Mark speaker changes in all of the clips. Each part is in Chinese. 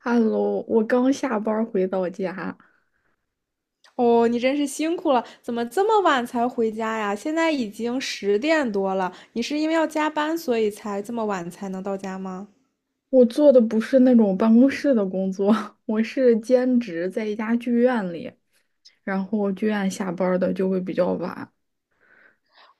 Speaker 1: Hello，我刚下班儿回到家。
Speaker 2: 哦，你真是辛苦了，怎么这么晚才回家呀？现在已经10点多了，你是因为要加班，所以才这么晚才能到家吗？
Speaker 1: 我做的不是那种办公室的工作，我是兼职在一家剧院里，然后剧院下班儿的就会比较晚。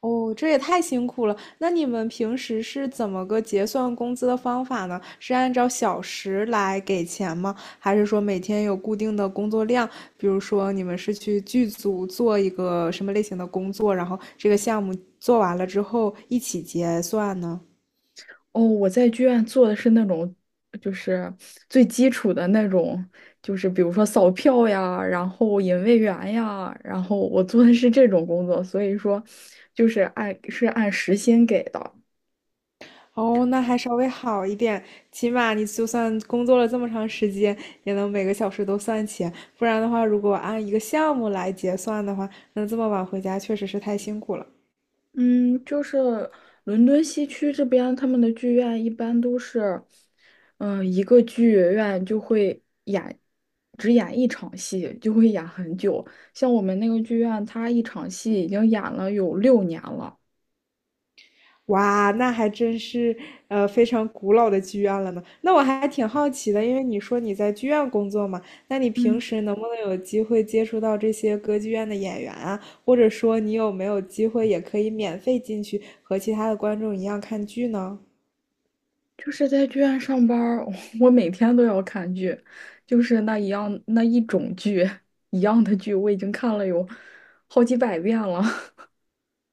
Speaker 2: 哦，这也太辛苦了。那你们平时是怎么个结算工资的方法呢？是按照小时来给钱吗？还是说每天有固定的工作量？比如说你们是去剧组做一个什么类型的工作，然后这个项目做完了之后一起结算呢？
Speaker 1: 哦，我在剧院做的是那种，就是最基础的那种，就是比如说扫票呀，然后引位员呀，然后我做的是这种工作，所以说就是按时薪给的。
Speaker 2: 哦，那还稍微好一点，起码你就算工作了这么长时间，也能每个小时都算钱。不然的话，如果按一个项目来结算的话，那这么晚回家确实是太辛苦了。
Speaker 1: 嗯，就是伦敦西区这边，他们的剧院一般都是，一个剧院就会演，只演一场戏，就会演很久。像我们那个剧院，它一场戏已经演了有6年了。
Speaker 2: 哇，那还真是非常古老的剧院了呢。那我还挺好奇的，因为你说你在剧院工作嘛，那你平
Speaker 1: 嗯，
Speaker 2: 时能不能有机会接触到这些歌剧院的演员啊？或者说你有没有机会也可以免费进去和其他的观众一样看剧呢？
Speaker 1: 就是在剧院上班儿 我每天都要看剧，就是那一样那一种剧，一样的剧，我已经看了有好几百遍了。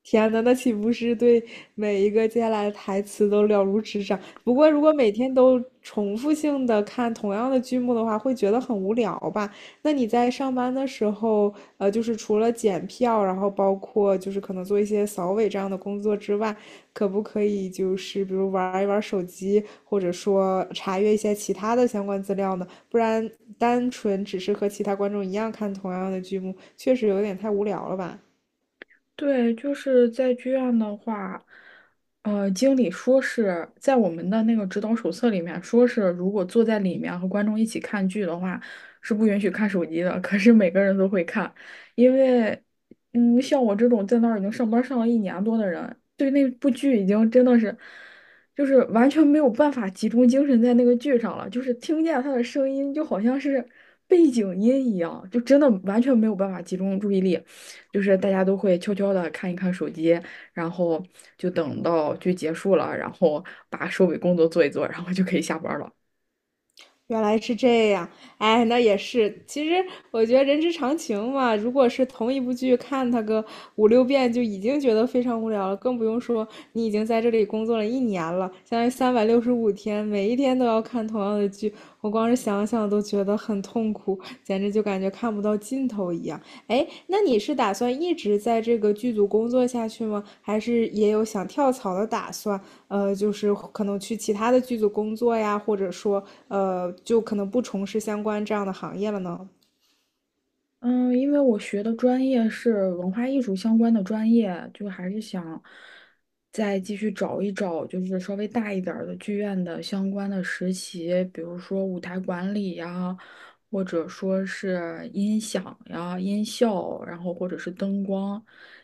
Speaker 2: 天呐，那岂不是对每一个接下来的台词都了如指掌？不过，如果每天都重复性的看同样的剧目的话，会觉得很无聊吧？那你在上班的时候，就是除了检票，然后包括就是可能做一些扫尾这样的工作之外，可不可以就是比如玩一玩手机，或者说查阅一些其他的相关资料呢？不然单纯只是和其他观众一样看同样的剧目，确实有点太无聊了吧？
Speaker 1: 对，就是在剧院的话，经理说是在我们的那个指导手册里面说是，如果坐在里面和观众一起看剧的话，是不允许看手机的。可是每个人都会看，因为，嗯，像我这种在那儿已经上班上了1年多的人，对那部剧已经真的是，就是完全没有办法集中精神在那个剧上了，就是听见他的声音就好像是背景音一样，就真的完全没有办法集中注意力。就是大家都会悄悄的看一看手机，然后就等到剧结束了，然后把收尾工作做一做，然后就可以下班了。
Speaker 2: 原来是这样，哎，那也是。其实我觉得人之常情嘛，如果是同一部剧看它个五六遍，就已经觉得非常无聊了，更不用说你已经在这里工作了一年了，相当于365天，每一天都要看同样的剧，我光是想想都觉得很痛苦，简直就感觉看不到尽头一样。哎，那你是打算一直在这个剧组工作下去吗？还是也有想跳槽的打算？就是可能去其他的剧组工作呀，或者说，就可能不从事相关这样的行业了呢？
Speaker 1: 嗯，因为我学的专业是文化艺术相关的专业，就还是想再继续找一找，就是稍微大一点儿的剧院的相关的实习，比如说舞台管理呀，或者说是音响呀、音效，然后或者是灯光，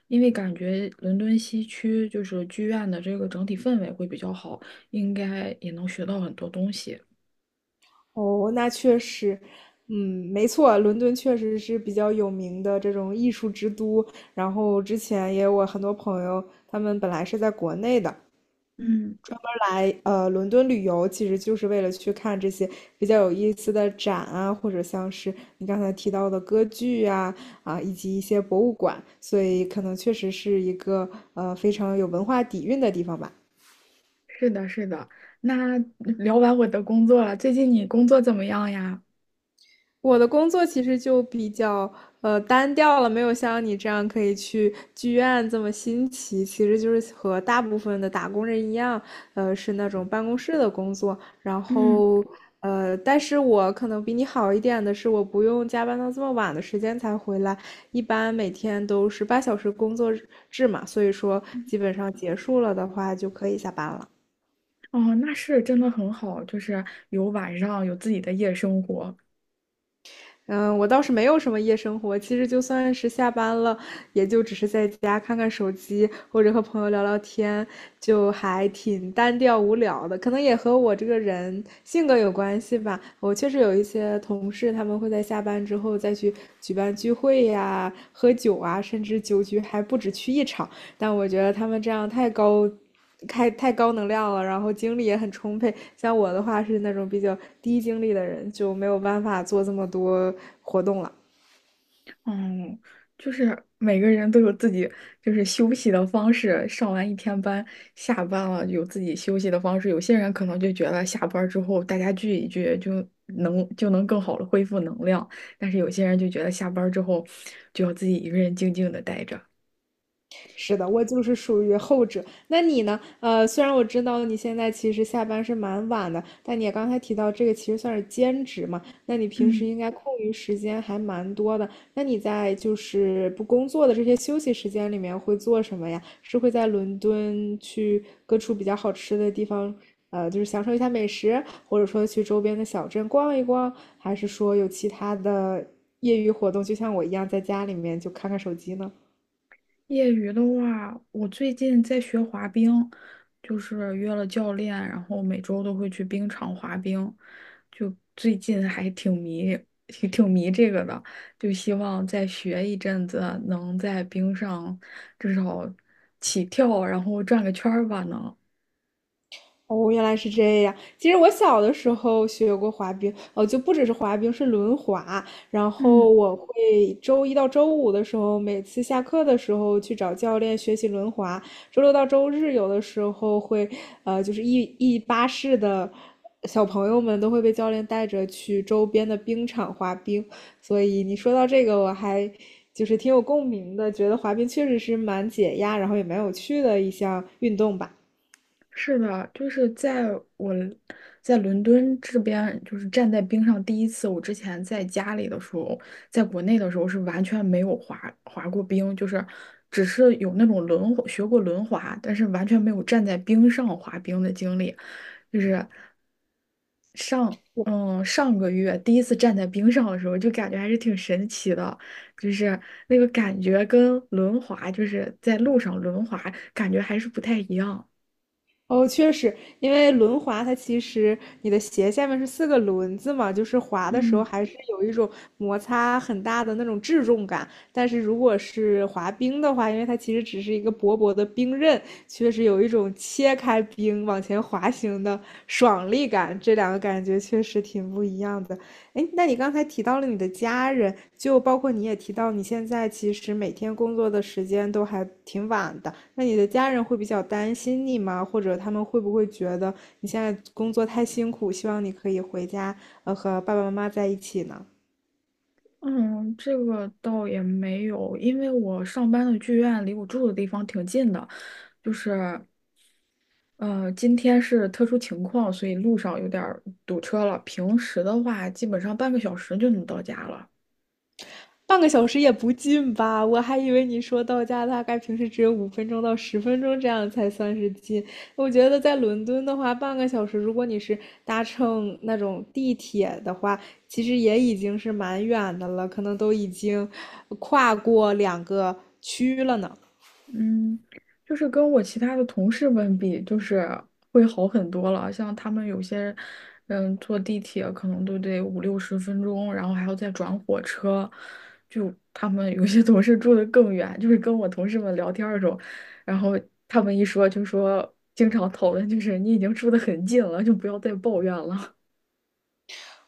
Speaker 1: 因为感觉伦敦西区就是剧院的这个整体氛围会比较好，应该也能学到很多东西。
Speaker 2: 哦，那确实，嗯，没错，伦敦确实是比较有名的这种艺术之都。然后之前也有我很多朋友，他们本来是在国内的，
Speaker 1: 嗯。
Speaker 2: 专门来伦敦旅游，其实就是为了去看这些比较有意思的展啊，或者像是你刚才提到的歌剧啊，以及一些博物馆，所以可能确实是一个非常有文化底蕴的地方吧。
Speaker 1: 是的，是的。那聊完我的工作了，最近你工作怎么样呀？
Speaker 2: 我的工作其实就比较单调了，没有像你这样可以去剧院这么新奇。其实就是和大部分的打工人一样，是那种办公室的工作。然
Speaker 1: 嗯。
Speaker 2: 后但是我可能比你好一点的是，我不用加班到这么晚的时间才回来，一般每天都是8小时工作制嘛，所以说基本上结束了的话就可以下班了。
Speaker 1: 哦，那是真的很好，就是有晚上有自己的夜生活。
Speaker 2: 嗯，我倒是没有什么夜生活，其实就算是下班了，也就只是在家看看手机，或者和朋友聊聊天，就还挺单调无聊的。可能也和我这个人性格有关系吧。我确实有一些同事，他们会在下班之后再去举办聚会呀、喝酒啊，甚至酒局还不止去一场。但我觉得他们这样太高，太高能量了，然后精力也很充沛。像我的话是那种比较低精力的人，就没有办法做这么多活动了。
Speaker 1: 嗯，就是每个人都有自己就是休息的方式，上完一天班，下班了有自己休息的方式。有些人可能就觉得下班之后大家聚一聚就能更好的恢复能量，但是有些人就觉得下班之后就要自己一个人静静的待着。
Speaker 2: 是的，我就是属于后者。那你呢？虽然我知道你现在其实下班是蛮晚的，但你也刚才提到这个其实算是兼职嘛，那你平时
Speaker 1: 嗯。
Speaker 2: 应该空余时间还蛮多的。那你在就是不工作的这些休息时间里面会做什么呀？是会在伦敦去各处比较好吃的地方，就是享受一下美食，或者说去周边的小镇逛一逛，还是说有其他的业余活动，就像我一样在家里面就看看手机呢？
Speaker 1: 业余的话，我最近在学滑冰，就是约了教练，然后每周都会去冰场滑冰，就最近还挺迷这个的，就希望再学一阵子，能在冰上至少起跳，然后转个圈儿吧，能。
Speaker 2: 哦，原来是这样。其实我小的时候学过滑冰，哦，就不只是滑冰，是轮滑。然后
Speaker 1: 嗯。
Speaker 2: 我会周一到周五的时候，每次下课的时候去找教练学习轮滑。周六到周日有的时候会，就是一巴士的小朋友们都会被教练带着去周边的冰场滑冰。所以你说到这个，我还就是挺有共鸣的，觉得滑冰确实是蛮解压，然后也蛮有趣的一项运动吧。
Speaker 1: 是的，就是我在伦敦这边，就是站在冰上第一次。我之前在家里的时候，在国内的时候是完全没有滑过冰，就是只是有那种轮滑学过轮滑，但是完全没有站在冰上滑冰的经历。就是上个月第一次站在冰上的时候，就感觉还是挺神奇的，就是那个感觉跟轮滑，就是在路上轮滑，感觉还是不太一样。
Speaker 2: 哦，确实，因为轮滑它其实你的鞋下面是四个轮子嘛，就是滑的时候
Speaker 1: 嗯。
Speaker 2: 还是有一种摩擦很大的那种质重感。但是如果是滑冰的话，因为它其实只是一个薄薄的冰刃，确实有一种切开冰往前滑行的爽利感。这两个感觉确实挺不一样的。哎，那你刚才提到了你的家人，就包括你也提到你现在其实每天工作的时间都还挺晚的，那你的家人会比较担心你吗？或者他们会不会觉得你现在工作太辛苦，希望你可以回家，和爸爸妈妈在一起呢？
Speaker 1: 嗯，这个倒也没有，因为我上班的剧院离我住的地方挺近的，就是今天是特殊情况，所以路上有点儿堵车了。平时的话，基本上半个小时就能到家了。
Speaker 2: 半个小时也不近吧？我还以为你说到家大概平时只有5分钟到10分钟这样才算是近。我觉得在伦敦的话，半个小时，如果你是搭乘那种地铁的话，其实也已经是蛮远的了，可能都已经跨过两个区了呢。
Speaker 1: 嗯，就是跟我其他的同事们比，就是会好很多了。像他们有些，嗯，坐地铁可能都得5、60分钟，然后还要再转火车。就他们有些同事住的更远，就是跟我同事们聊天儿的时候，然后他们一说就说，经常讨论就是你已经住的很近了，就不要再抱怨了。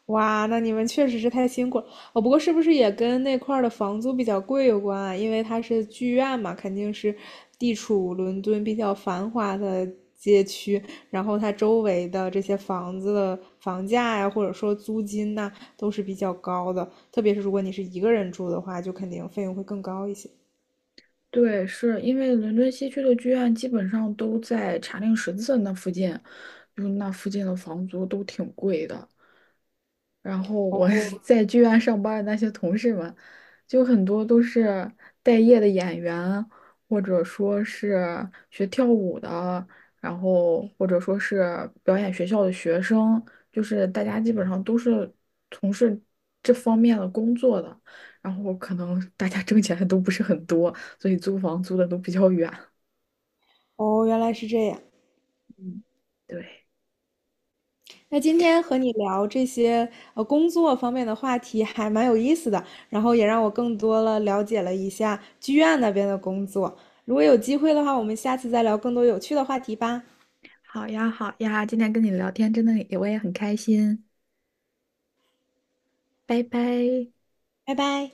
Speaker 2: 哇，那你们确实是太辛苦了。哦，不过是不是也跟那块儿的房租比较贵有关啊？因为它是剧院嘛，肯定是地处伦敦比较繁华的街区，然后它周围的这些房子的房价呀，或者说租金呐，都是比较高的。特别是如果你是一个人住的话，就肯定费用会更高一些。
Speaker 1: 对，是因为伦敦西区的剧院基本上都在查令十字那附近，就那附近的房租都挺贵的。然后我 在剧院上班的那些同事们，就很多都是待业的演员，或者说是学跳舞的，然后或者说是表演学校的学生，就是大家基本上都是从事这方面的工作的，然后可能大家挣钱都不是很多，所以租房租的都比较远。
Speaker 2: 哦，原来是这样。
Speaker 1: 嗯，对，
Speaker 2: 那今天和你聊这些工作方面的话题还蛮有意思的，然后也让我更多了了解了一下剧院那边的工作。如果有机会的话，我们下次再聊更多有趣的话题吧，
Speaker 1: 好呀，好呀，今天跟你聊天真的我也很开心，拜拜。
Speaker 2: 拜拜。